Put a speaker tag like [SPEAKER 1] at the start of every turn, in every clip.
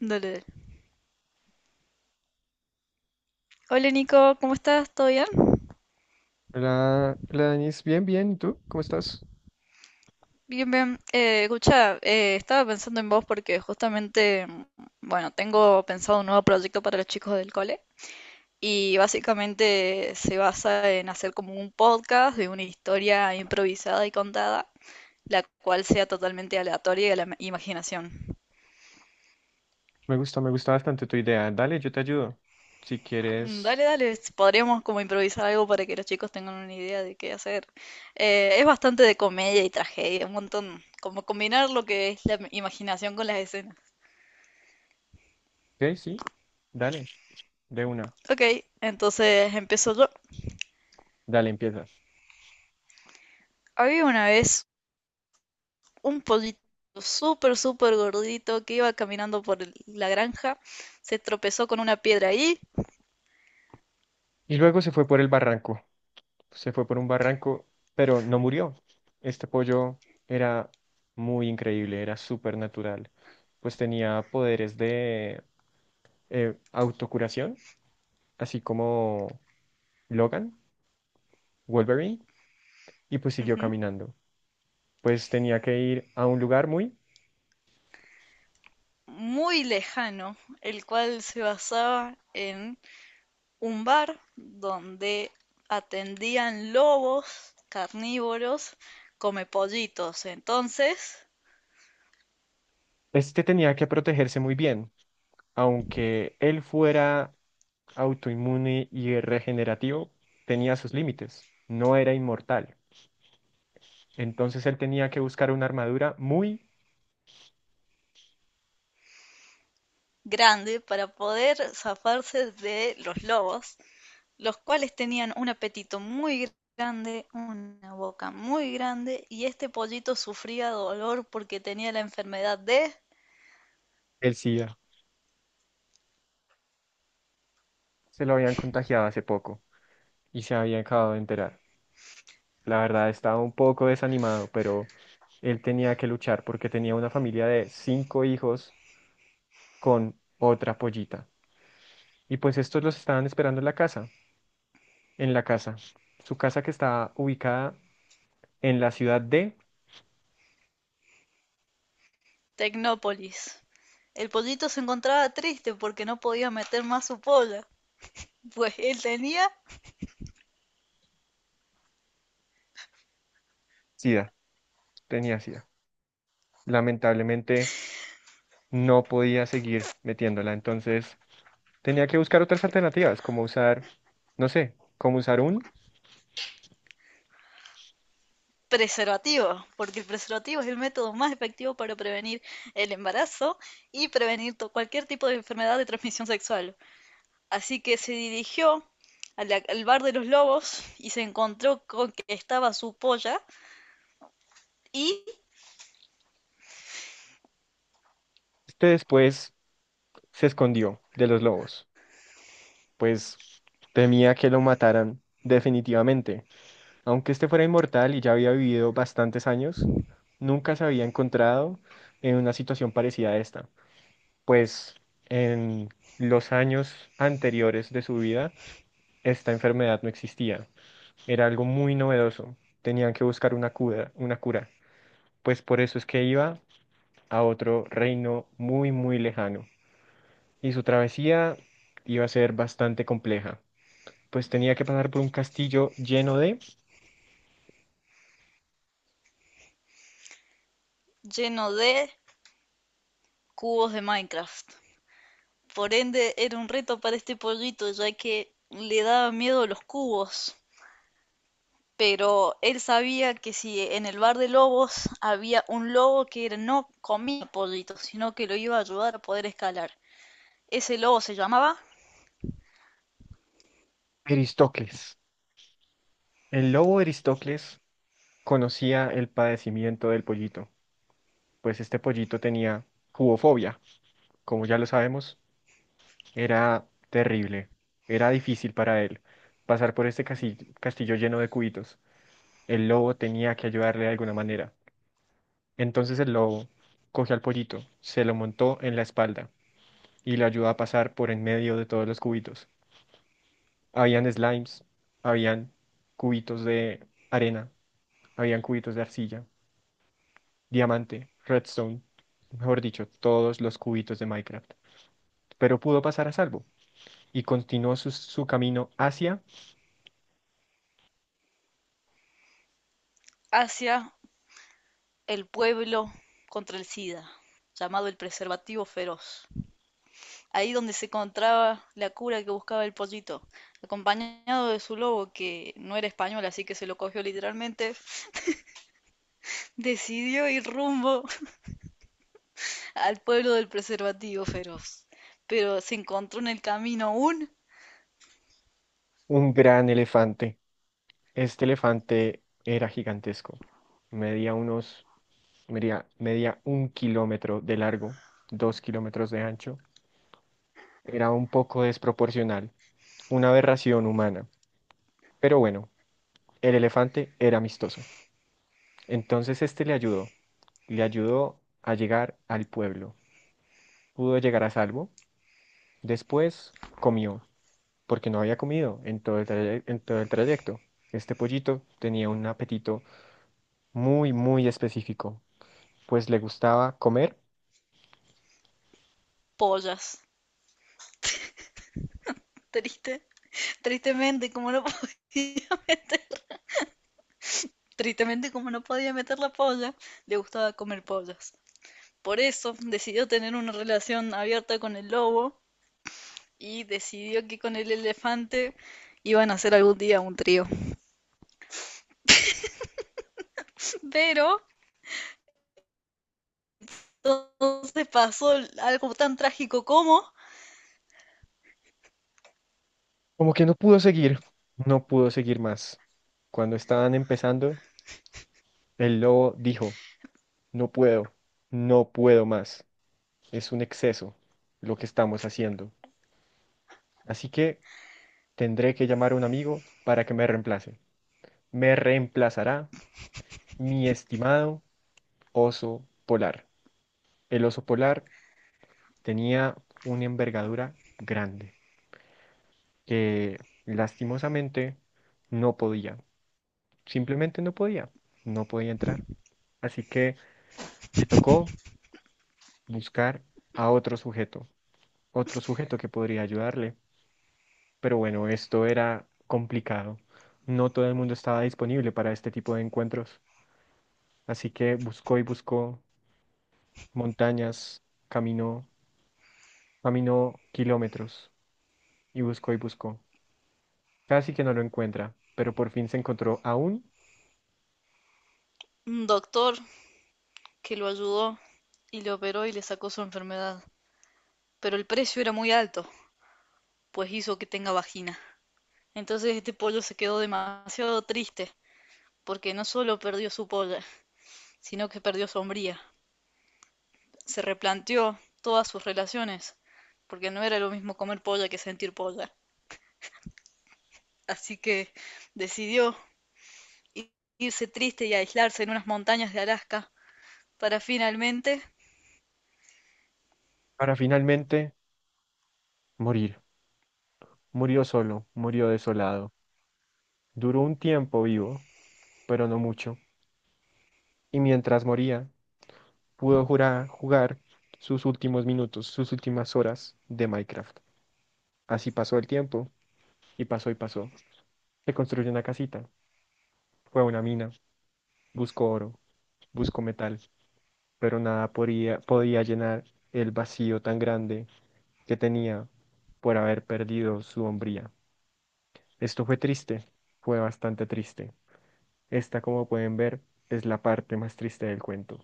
[SPEAKER 1] Dale, dale. Hola Nico, ¿cómo estás? ¿Todo bien?
[SPEAKER 2] Hola, hola Danis, bien, bien, ¿y tú? ¿Cómo estás?
[SPEAKER 1] Bien, bien. Escucha, estaba pensando en vos porque justamente, bueno, tengo pensado un nuevo proyecto para los chicos del cole y básicamente se basa en hacer como un podcast de una historia improvisada y contada, la cual sea totalmente aleatoria y a la imaginación.
[SPEAKER 2] Me gusta, bastante tu idea. Dale, yo te ayudo. Si quieres.
[SPEAKER 1] Dale, dale, podríamos como improvisar algo para que los chicos tengan una idea de qué hacer. Es bastante de comedia y tragedia, un montón, como combinar lo que es la imaginación con las escenas.
[SPEAKER 2] Ok, sí, dale, de una.
[SPEAKER 1] Ok, entonces empiezo yo.
[SPEAKER 2] Dale, empiezas.
[SPEAKER 1] Había una vez un pollito súper, súper gordito que iba caminando por la granja, se tropezó con una piedra ahí,
[SPEAKER 2] Y luego se fue por el barranco. Se fue por un barranco, pero no murió. Este pollo era muy increíble, era súper natural. Pues tenía poderes de autocuración, así como Logan, Wolverine, y pues siguió
[SPEAKER 1] ujú,
[SPEAKER 2] caminando. Pues tenía que ir a un lugar muy.
[SPEAKER 1] muy lejano, el cual se basaba en un bar donde atendían lobos carnívoros comepollitos. Entonces,
[SPEAKER 2] Este tenía que protegerse muy bien, aunque él fuera autoinmune y regenerativo, tenía sus límites, no era inmortal. Entonces él tenía que buscar una armadura muy.
[SPEAKER 1] grande para poder zafarse de los lobos, los cuales tenían un apetito muy grande, una boca muy grande, y este pollito sufría dolor porque tenía la enfermedad de
[SPEAKER 2] El SIDA. Se lo habían contagiado hace poco y se había acabado de enterar. La verdad estaba un poco desanimado, pero él tenía que luchar porque tenía una familia de cinco hijos con otra pollita. Y pues estos los estaban esperando en la casa. Su casa que está ubicada en la ciudad de
[SPEAKER 1] Tecnópolis. El pollito se encontraba triste porque no podía meter más su polla, pues él tenía
[SPEAKER 2] SIDA, tenía SIDA. Lamentablemente no podía seguir metiéndola, entonces tenía que buscar otras alternativas, como usar, no sé, como usar un.
[SPEAKER 1] preservativo, porque el preservativo es el método más efectivo para prevenir el embarazo y prevenir cualquier tipo de enfermedad de transmisión sexual. Así que se dirigió a al bar de los lobos y se encontró con que estaba su polla y
[SPEAKER 2] Este después se escondió de los lobos, pues temía que lo mataran definitivamente. Aunque este fuera inmortal y ya había vivido bastantes años, nunca se había encontrado en una situación parecida a esta. Pues en los años anteriores de su vida esta enfermedad no existía. Era algo muy novedoso. Tenían que buscar una cura, una cura. Pues por eso es que iba a otro reino muy, muy lejano. Y su travesía iba a ser bastante compleja. Pues tenía que pasar por un castillo lleno de
[SPEAKER 1] lleno de cubos de Minecraft. Por ende, era un reto para este pollito, ya que le daba miedo los cubos. Pero él sabía que si en el bar de lobos había un lobo que no comía pollitos, sino que lo iba a ayudar a poder escalar. Ese lobo se llamaba
[SPEAKER 2] Eristocles. El lobo Eristocles conocía el padecimiento del pollito, pues este pollito tenía cubofobia, como ya lo sabemos. Era terrible, era difícil para él pasar por este castillo lleno de cubitos. El lobo tenía que ayudarle de alguna manera. Entonces el lobo cogió al pollito, se lo montó en la espalda y lo ayudó a pasar por en medio de todos los cubitos. Habían slimes, habían cubitos de arena, habían cubitos de arcilla, diamante, redstone, mejor dicho, todos los cubitos de Minecraft. Pero pudo pasar a salvo y continuó su camino hacia
[SPEAKER 1] hacia el pueblo contra el SIDA, llamado el preservativo feroz. Ahí donde se encontraba la cura que buscaba el pollito, acompañado de su lobo, que no era español, así que se lo cogió literalmente, decidió ir rumbo al pueblo del preservativo feroz. Pero se encontró en el camino un
[SPEAKER 2] un gran elefante. Este elefante era gigantesco. Medía unos, medía un kilómetro de largo, 2 kilómetros de ancho. Era un poco desproporcional, una aberración humana. Pero bueno, el elefante era amistoso. Entonces este le ayudó a llegar al pueblo. Pudo llegar a salvo. Después comió, porque no había comido en todo el en todo el trayecto. Este pollito tenía un apetito muy, muy específico. Pues le gustaba comer,
[SPEAKER 1] pollas. Triste. Tristemente, como no podía tristemente, como no podía meter la polla, le gustaba comer pollas. Por eso decidió tener una relación abierta con el lobo y decidió que con el elefante iban a hacer algún día un trío. Pero entonces pasó algo tan trágico como
[SPEAKER 2] como que no pudo seguir, no pudo seguir más. Cuando estaban empezando, el lobo dijo, no puedo, no puedo más, es un exceso lo que estamos haciendo. Así que tendré que llamar a un amigo para que me reemplace. Me reemplazará mi estimado oso polar. El oso polar tenía una envergadura grande que lastimosamente no podía. Simplemente no podía, no podía entrar. Así que le tocó buscar a otro sujeto que podría ayudarle. Pero bueno, esto era complicado. No todo el mundo estaba disponible para este tipo de encuentros. Así que buscó y buscó montañas, caminó, caminó kilómetros y buscó y buscó. Casi que no lo encuentra, pero por fin se encontró aún
[SPEAKER 1] un doctor que lo ayudó y lo operó y le sacó su enfermedad. Pero el precio era muy alto, pues hizo que tenga vagina. Entonces este pollo se quedó demasiado triste, porque no solo perdió su polla, sino que perdió su hombría. Se replanteó todas sus relaciones, porque no era lo mismo comer polla que sentir polla. Así que decidió irse triste y aislarse en unas montañas de Alaska para finalmente
[SPEAKER 2] para finalmente morir. Murió solo, murió desolado. Duró un tiempo vivo pero no mucho. Y mientras moría, pudo jugar sus últimos minutos, sus últimas horas de Minecraft. Así pasó el tiempo, y pasó y pasó. Se construyó una casita, fue a una mina, buscó oro, buscó metal, pero nada podía llenar el vacío tan grande que tenía por haber perdido su hombría. Esto fue triste, fue bastante triste. Esta, como pueden ver, es la parte más triste del cuento.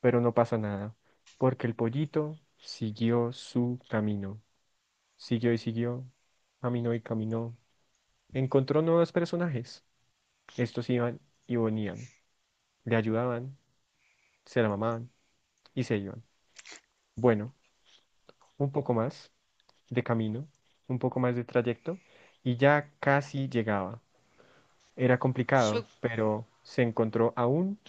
[SPEAKER 2] Pero no pasa nada, porque el pollito siguió su camino, siguió y siguió, caminó y caminó, encontró nuevos personajes, estos iban y venían, le ayudaban, se la mamaban y se iban. Bueno, un poco más de camino, un poco más de trayecto, y ya casi llegaba. Era
[SPEAKER 1] yo,
[SPEAKER 2] complicado, pero se encontró aún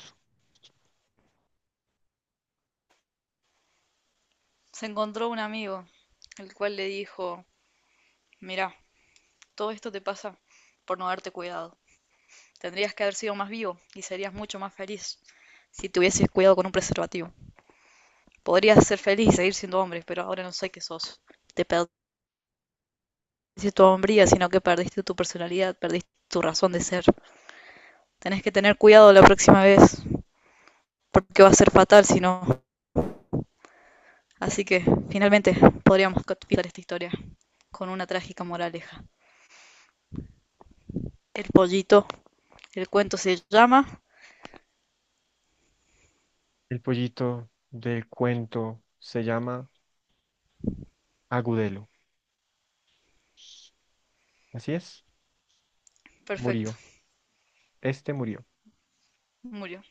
[SPEAKER 1] se encontró un amigo, el cual le dijo, mira, todo esto te pasa por no darte cuidado. Tendrías que haber sido más vivo y serías mucho más feliz si te hubieses cuidado con un preservativo. Podrías ser feliz y seguir siendo hombre, pero ahora no sé qué sos. Te perdiste tu hombría, sino que perdiste tu personalidad, perdiste tu razón de ser. Tenés que tener cuidado la próxima vez, porque va a ser fatal si no. Así que, finalmente, podríamos capturar esta historia con una trágica moraleja. El pollito, el cuento se llama...
[SPEAKER 2] el pollito del cuento, se llama Agudelo. Así es,
[SPEAKER 1] Perfecto,
[SPEAKER 2] murió, este murió.
[SPEAKER 1] murió.